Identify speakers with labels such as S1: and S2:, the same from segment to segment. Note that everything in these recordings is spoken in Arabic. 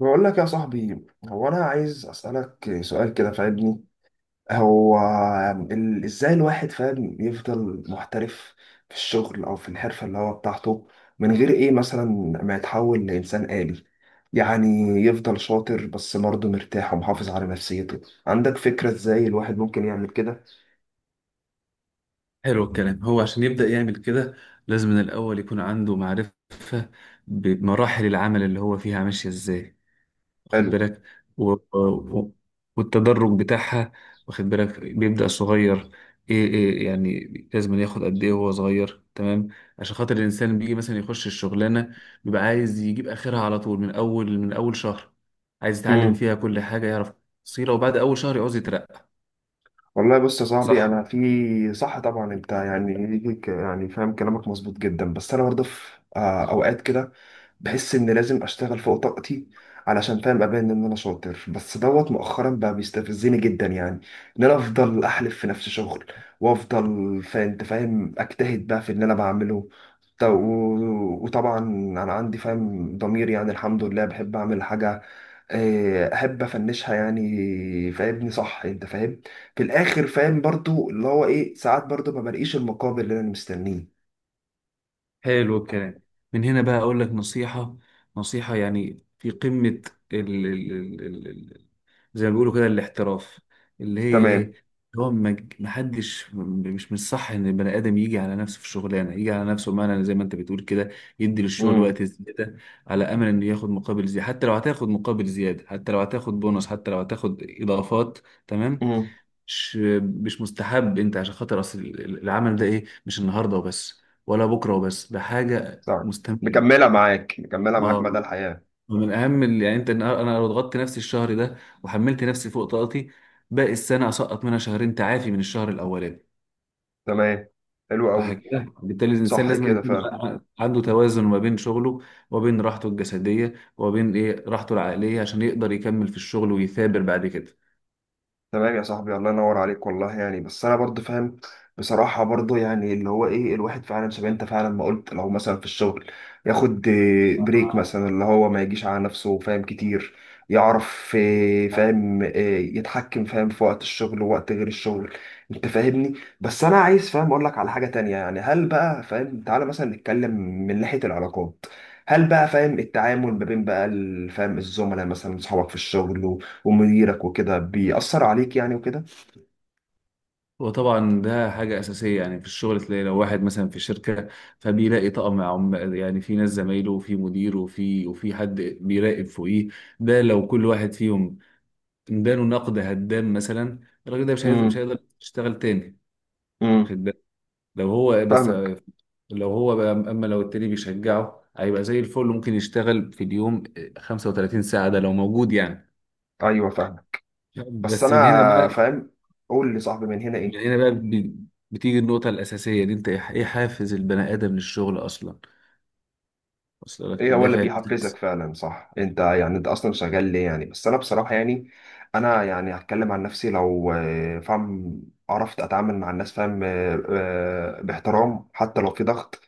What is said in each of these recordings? S1: بقول لك يا صاحبي، هو انا عايز اسالك سؤال كده، فاهمني؟ هو ازاي الواحد فاهم يفضل محترف في الشغل او في الحرفه اللي هو بتاعته، من غير ايه مثلا ما يتحول لانسان آلي؟ يعني يفضل شاطر بس برضه مرتاح ومحافظ على نفسيته. عندك فكره ازاي الواحد ممكن يعمل كده؟
S2: حلو الكلام. هو عشان يبدأ يعمل كده لازم من الأول يكون عنده معرفة بمراحل العمل اللي هو فيها ماشية إزاي، واخد
S1: حلو.
S2: بالك؟ و... و... والتدرج بتاعها، واخد بالك؟ بيبدأ صغير. إيه يعني لازم ياخد قد إيه وهو صغير، تمام؟ عشان خاطر الإنسان بيجي مثلا يخش الشغلانة، بيبقى عايز يجيب آخرها على طول من أول شهر، عايز يتعلم
S1: امم
S2: فيها كل حاجة، يعرف تفصيلة، وبعد أول شهر يعوز يترقى.
S1: والله بص يا صاحبي،
S2: صح؟
S1: انا في صح طبعا انت يعني، فاهم كلامك مظبوط جدا. بس انا برضه في اوقات كده بحس ان لازم اشتغل فوق طاقتي علشان فاهم ابان ان انا شاطر، بس دوت مؤخرا بقى بيستفزني جدا، يعني ان انا افضل احلف في نفس شغل وافضل فانت فاهم اجتهد بقى في اللي انا بعمله. وطبعا انا عندي فاهم ضمير، يعني الحمد لله بحب اعمل حاجه، احب افنشها يعني، فاهمني؟ صح انت فاهم في الاخر، فاهم برضو اللي هو ايه، ساعات برضو ما بلاقيش المقابل اللي انا مستنيه.
S2: حلو الكلام. من هنا بقى اقول لك نصيحة، نصيحة يعني في قمة ال ال ال ال ال زي ما بيقولوا كده الاحتراف، اللي هي
S1: تمام.
S2: ايه. هو ما حدش، مش من الصح ان البني ادم يجي على نفسه في الشغلانه، يجي على نفسه بمعنى زي ما انت بتقول كده، يدي للشغل وقت زياده على امل انه ياخد مقابل زياده، حتى لو هتاخد مقابل زياده، حتى لو هتاخد بونص، حتى لو هتاخد اضافات، تمام؟
S1: امم
S2: مش مش مستحب، انت عشان خاطر اصل العمل ده ايه؟ مش النهارده وبس ولا بكره وبس، ده حاجه
S1: صح.
S2: مستمره.
S1: مكملة معاك، مكملة معاك مدى
S2: اه.
S1: الحياة.
S2: ومن اهم ال- يعني انت أنا لو ضغطت نفسي الشهر ده وحملت نفسي فوق طاقتي، باقي السنه اسقط منها شهرين تعافي من الشهر الاولاني.
S1: تمام، حلو
S2: صح
S1: قوي.
S2: كده؟ بالتالي الانسان
S1: صح
S2: لازم
S1: كده
S2: يكون
S1: فعلا.
S2: عنده توازن ما بين شغله وبين راحته الجسديه وبين ايه راحته العقليه، عشان يقدر يكمل في الشغل ويثابر بعد كده.
S1: تمام يا صاحبي، الله ينور عليك والله، يعني بس انا برضو فاهم بصراحة برضو، يعني اللي هو ايه، الواحد فعلا شبه انت فعلا ما قلت، لو مثلا في الشغل ياخد بريك مثلا، اللي هو ما يجيش على نفسه، فاهم كتير، يعرف فاهم يتحكم فاهم في وقت الشغل ووقت غير الشغل، انت فاهمني؟ بس انا عايز فاهم اقول لك على حاجة تانية، يعني هل بقى فاهم تعالى مثلا نتكلم من ناحية العلاقات، هل بقى فاهم التعامل ما بين بقى فاهم الزملاء مثلا، اصحابك في الشغل ومديرك وكده بيأثر عليك يعني وكده؟
S2: وطبعا ده حاجة أساسية. يعني في الشغل تلاقي لو واحد مثلا في شركة، فبيلاقي طقم عم، يعني في ناس زمايله وفي مدير وفي وفي حد بيراقب فوقيه، ده لو كل واحد فيهم اداله نقد هدام مثلا، الراجل ده مش هيقدر مش
S1: امم
S2: هيقدر يشتغل تاني،
S1: امم
S2: واخد بالك؟ لو هو بس،
S1: فاهمك.
S2: لو هو بقى، أما لو التاني بيشجعه هيبقى زي الفل، ممكن يشتغل في اليوم 35 ساعة ده لو موجود يعني.
S1: ايوه فاهمك. بس
S2: بس
S1: انا
S2: من هنا بقى
S1: فاهم، قول لي صاحبي من هنا
S2: من
S1: ايه.
S2: هنا بقى بي- بتيجي النقطة الأساسية دي. أنت إيه حافز البني آدم للشغل أصلا؟ أصل لك
S1: ايه هو اللي
S2: الدافع
S1: بيحفزك
S2: الأساسي.
S1: فعلا؟ صح انت يعني، انت اصلا شغال ليه يعني؟ بس انا بصراحه يعني، انا يعني هتكلم عن نفسي، لو فاهم عرفت اتعامل مع الناس فاهم باحترام حتى لو في ضغط،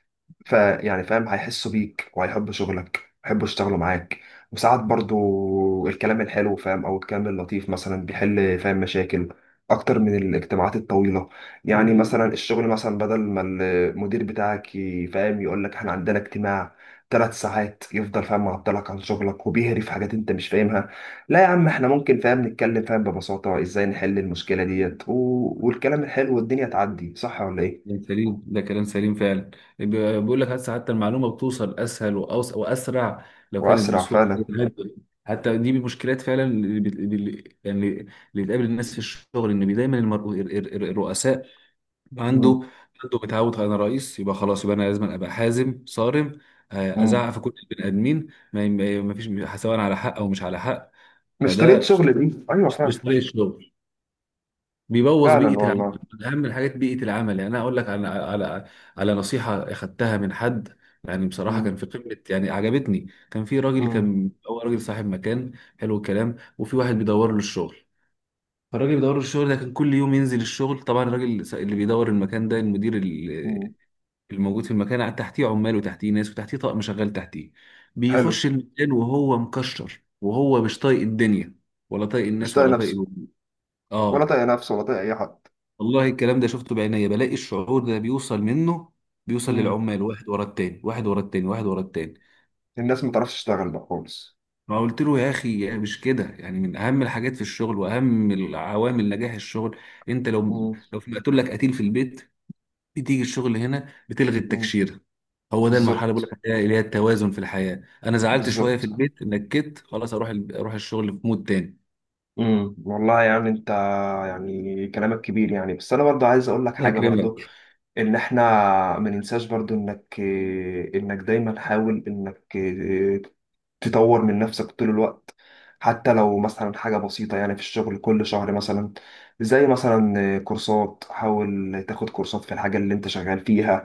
S1: فيعني فاهم هيحسوا بيك وهيحبوا شغلك، هيحبوا يشتغلوا معاك. وساعات برضو الكلام الحلو فاهم او الكلام اللطيف مثلا بيحل فاهم مشاكل اكتر من الاجتماعات الطويله، يعني مثلا الشغل مثلا، بدل ما المدير بتاعك فاهم يقول لك احنا عندنا اجتماع ثلاث ساعات، يفضل فاهم معطلك عن شغلك وبيهري في حاجات انت مش فاهمها، لا يا عم احنا ممكن فاهم نتكلم فاهم ببساطة ازاي نحل المشكلة ديت، والكلام الحلو والدنيا تعدي، صح ولا ايه؟
S2: كلام سليم، ده كلام سليم فعلا. بي- بيقول لك هسه حتى المعلومة بتوصل أسهل وأسرع لو كانت
S1: واسرع
S2: بسهولة.
S1: فعلا.
S2: حتى دي من المشكلات فعلا، اللي يعني اللي بتقابل الناس في الشغل، إن دايما الرؤساء عنده
S1: مم.
S2: عنده متعود، أنا رئيس يبقى خلاص، يبقى أنا لازم أبقى حازم صارم.
S1: مم.
S2: أزعق في كل البني آدمين. ما فيش، سواء على حق أو مش على حق.
S1: مش طريقة
S2: فده
S1: شغل دي، ايوه فعلا.
S2: مش طريق الشغل، بيبوظ
S1: فعلا
S2: بيئه العمل.
S1: والله.
S2: من اهم الحاجات بيئه العمل. يعني انا اقول لك على نصيحه اخدتها من حد، يعني بصراحه كان
S1: مم.
S2: في قمه، يعني عجبتني. كان في راجل،
S1: مم.
S2: كان هو راجل صاحب مكان. حلو الكلام. وفي واحد بيدور له الشغل، فالراجل بيدور له الشغل ده كان كل يوم ينزل الشغل، طبعا الراجل اللي بيدور المكان ده المدير
S1: مم.
S2: الموجود في المكان، قاعد تحتيه عمال وتحتيه ناس وتحتيه طقم شغال تحتيه،
S1: حلو.
S2: بيخش المكان وهو مكشر وهو مش طايق الدنيا ولا طايق
S1: مش
S2: الناس
S1: طايق
S2: ولا طايق.
S1: نفسه، ولا
S2: اه.
S1: طايق نفسه ولا طايق اي حد.
S2: والله الكلام ده شفته بعينيا، بلاقي الشعور ده بيوصل منه، بيوصل
S1: مم.
S2: للعمال واحد ورا التاني، واحد ورا التاني، واحد ورا التاني.
S1: الناس ما تعرفش تشتغل بقى خالص.
S2: فقلت له يا اخي، يعني مش كده. يعني من اهم الحاجات في الشغل واهم العوامل نجاح الشغل، انت لو
S1: مم.
S2: لو في مقتول لك قتيل في البيت، بتيجي الشغل هنا بتلغي
S1: مم.
S2: التكشيره. هو ده المرحله اللي بقول
S1: بالظبط،
S2: لك عليها، اللي هي التوازن في الحياه. انا زعلت شويه في
S1: بالظبط.
S2: البيت، نكت خلاص، اروح الشغل في مود تاني.
S1: والله، يعني انت يعني كلامك كبير يعني، بس انا برضو عايز اقول لك
S2: الله
S1: حاجه برضو،
S2: يكرمك.
S1: ان احنا ما ننساش برضو انك دايما حاول تطور من نفسك طول الوقت، حتى لو مثلا حاجة بسيطة، يعني في الشغل كل شهر مثلا زي مثلا كورسات، حاول تاخد كورسات في الحاجة اللي انت شغال فيها،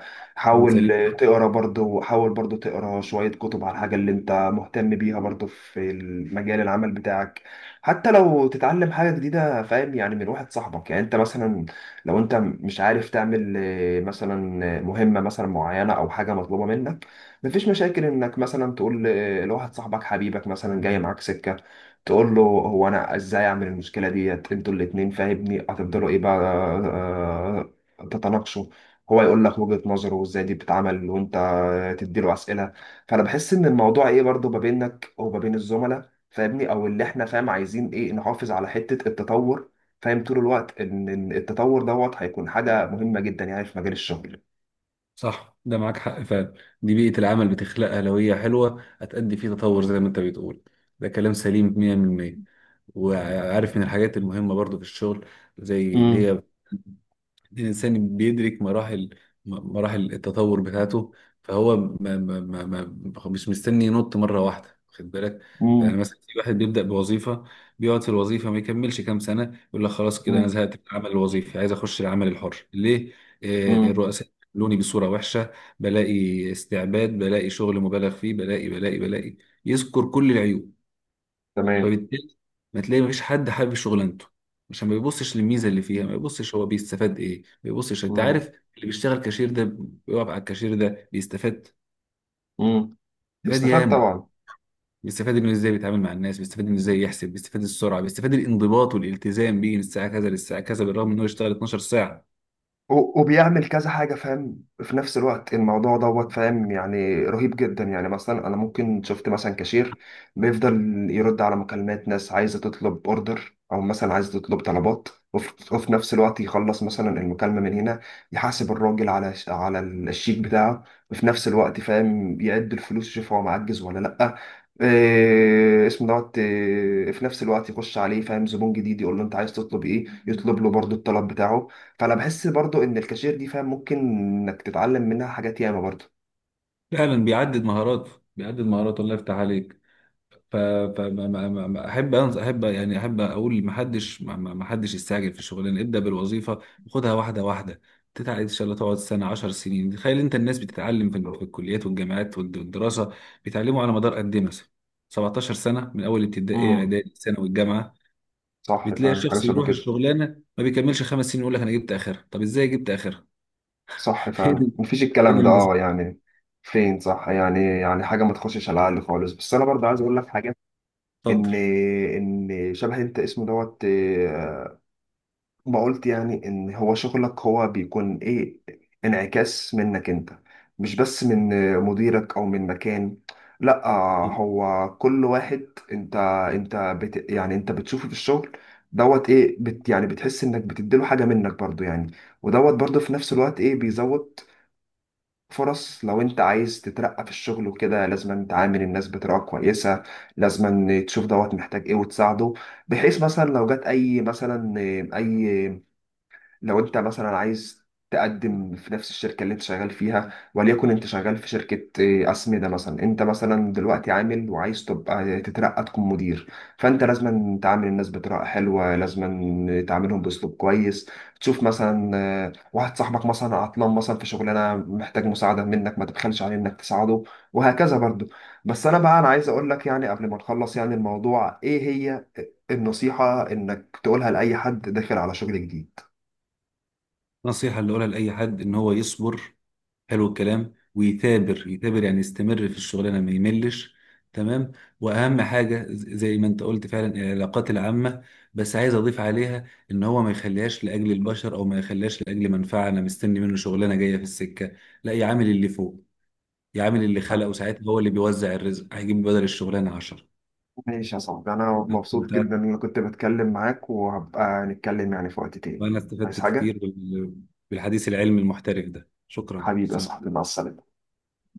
S2: من
S1: حاول
S2: سليم.
S1: تقرا برضو، حاول برضو تقرا شوية كتب على الحاجة اللي انت مهتم بيها برضو في مجال العمل بتاعك. حتى لو تتعلم حاجة جديدة فاهم، يعني من واحد صاحبك، يعني انت مثلا لو انت مش عارف تعمل مثلا مهمة مثلا معينة او حاجة مطلوبة منك، مفيش مشاكل انك مثلا تقول لواحد صاحبك حبيبك مثلا، جاي معاك سكة، تقول له هو انا ازاي اعمل المشكلة ديت، انتوا الاتنين فاهمني هتفضلوا ايه بقى تتناقشوا، هو يقول لك وجهة نظره وازاي دي بتتعمل، وانت تديله اسئلة. فانا بحس ان الموضوع ايه، برضو ما بينك وما بين الزملاء فاهمني، او اللي احنا فاهم عايزين ايه نحافظ على حتة التطور فاهم طول الوقت، إن التطور دوت هيكون حاجه مهمه جدا يعني في مجال الشغل.
S2: صح، ده معاك حق فعلا. دي بيئة العمل بتخلقها، لو هي حلوة هتأدي فيه تطور زي ما انت بتقول. ده كلام سليم 100%. وعارف من الحاجات المهمة برضو في الشغل، زي اللي
S1: امم
S2: هي الإنسان بيدرك مراحل مراحل التطور بتاعته، فهو ما ما ما ما مش مستني ينط مرة واحدة، واخد بالك؟ فأنا
S1: امم
S2: مثلا في واحد بيبدأ بوظيفة، بيقعد في الوظيفة ما يكملش كام سنة، يقول لك خلاص كده أنا
S1: امم
S2: زهقت من العمل الوظيفي، عايز أخش العمل الحر. ليه؟
S1: امم
S2: الرؤساء بيعاملوني بصورة وحشة، بلاقي استعباد، بلاقي شغل مبالغ فيه، بلاقي. يذكر كل العيوب.
S1: تمام.
S2: فبالتالي ما تلاقي مفيش حد حابب شغلانته، عشان ما بيبصش للميزه اللي فيها، ما بيبصش هو بيستفاد ايه، ما بيبصش، انت
S1: امم
S2: عارف؟ اللي بيشتغل كاشير ده، بيقف على الكاشير ده بيستفاد،
S1: امم
S2: بيستفاد
S1: بيستفاد
S2: ياما،
S1: طبعا.
S2: بيستفاد انه ازاي بيتعامل مع الناس، بيستفاد انه ازاي يحسب، بيستفاد السرعه، بيستفاد الانضباط والالتزام بيه من الساعه كذا للساعه كذا، بالرغم انه يشتغل 12 ساعه.
S1: وبيعمل كذا حاجة فاهم في نفس الوقت، الموضوع دوت فاهم يعني رهيب جدا، يعني مثلا أنا ممكن شفت مثلا كاشير بيفضل يرد على مكالمات ناس عايزة تطلب أوردر، أو مثلا عايزة تطلب طلبات، وفي نفس الوقت يخلص مثلا المكالمة من هنا، يحاسب الراجل على على الشيك بتاعه، وفي نفس الوقت فاهم يعد الفلوس يشوف هو معجز ولا لأ، إيه اسمه دوت، إيه في نفس الوقت يخش عليه فاهم زبون جديد يقول له انت عايز تطلب ايه، يطلب له برضو الطلب بتاعه. فانا بحس برضو ان الكاشير دي فاهم ممكن انك تتعلم منها حاجات ياما برضو.
S2: فعلا بيعدد مهاراته. الله يفتح عليك. فاحب يعني احب اقول ما حدش يستعجل في الشغلانه ابدا، بالوظيفه. وخدها واحده واحده، تتعلم ان شاء الله، تقعد سنه، 10 سنين. تخيل انت، الناس بتتعلم في الكليات والجامعات والدراسه، بيتعلموا على مدار قد ايه مثلا؟ 17 سنه، من اول ابتدائي
S1: امم
S2: اعدادي ثانوي الجامعه.
S1: صح
S2: بتلاقي
S1: فعلا، حاجه
S2: الشخص
S1: شبه
S2: يروح
S1: كده.
S2: الشغلانه ما بيكملش خمس سنين، يقول لك انا جبت اخرها. طب ازاي جبت اخرها؟
S1: صح فعلا،
S2: فين،
S1: مفيش
S2: فين
S1: الكلام ده
S2: المظبوط؟
S1: يعني. فين، صح يعني، يعني حاجه ما تخشش على العقل خالص. بس انا برضو عايز اقول لك حاجه،
S2: اتفضل.
S1: ان ان شبه انت اسمه دوت ما قلت، يعني ان هو شغلك هو بيكون ايه انعكاس منك انت، مش بس من مديرك او من مكان، لا، هو كل واحد انت انت بت يعني، انت بتشوفه في الشغل دوت ايه، بت يعني بتحس انك بتديله حاجة منك برضو يعني، ودوت برضو في نفس الوقت ايه بيزود فرص. لو انت عايز تترقى في الشغل وكده لازم تعامل الناس بطريقة كويسة، لازم تشوف دوت محتاج ايه وتساعده، بحيث مثلا لو جت اي مثلا اي لو انت مثلا عايز تقدم في نفس الشركة اللي انت شغال فيها، وليكن انت شغال في شركة اه، أسمدة مثلا، انت مثلا دلوقتي عامل وعايز تبقى تترقى تكون مدير، فانت لازم تعامل الناس بطريقة حلوة، لازم تعاملهم بأسلوب كويس، تشوف مثلا اه، واحد صاحبك مثلا عطلان مثلا في شغلانة محتاج مساعدة منك، ما تبخلش عليه انك تساعده، وهكذا برضو. بس انا بقى، انا عايز اقول لك يعني قبل ما نخلص يعني، الموضوع ايه هي النصيحة انك تقولها لأي حد داخل على شغل جديد؟
S2: النصيحه اللي اقولها لاي حد ان هو يصبر. حلو الكلام. ويثابر، يثابر يعني، يستمر في الشغلانه ما يملش، تمام؟ واهم حاجه زي ما انت قلت فعلا، العلاقات العامه. بس عايز اضيف عليها ان هو ما يخليهاش لاجل البشر او ما يخليهاش لاجل منفعه، انا مستني منه شغلانه جايه في السكه. لا، يعامل اللي فوق، يعامل اللي خلقه، ساعتها هو اللي بيوزع الرزق، هيجيب بدل الشغلانه 10.
S1: ماشي يا صاحبي، أنا
S2: انت
S1: مبسوط جدا
S2: بتعرف،
S1: إن أنا كنت بتكلم معاك، وهبقى نتكلم يعني في وقت تاني.
S2: وانا
S1: عايز
S2: استفدت كتير
S1: حاجة؟
S2: بالحديث العلمي المحترف ده. شكرا.
S1: حبيبي يا
S2: سلام.
S1: صاحبي، مع السلامة.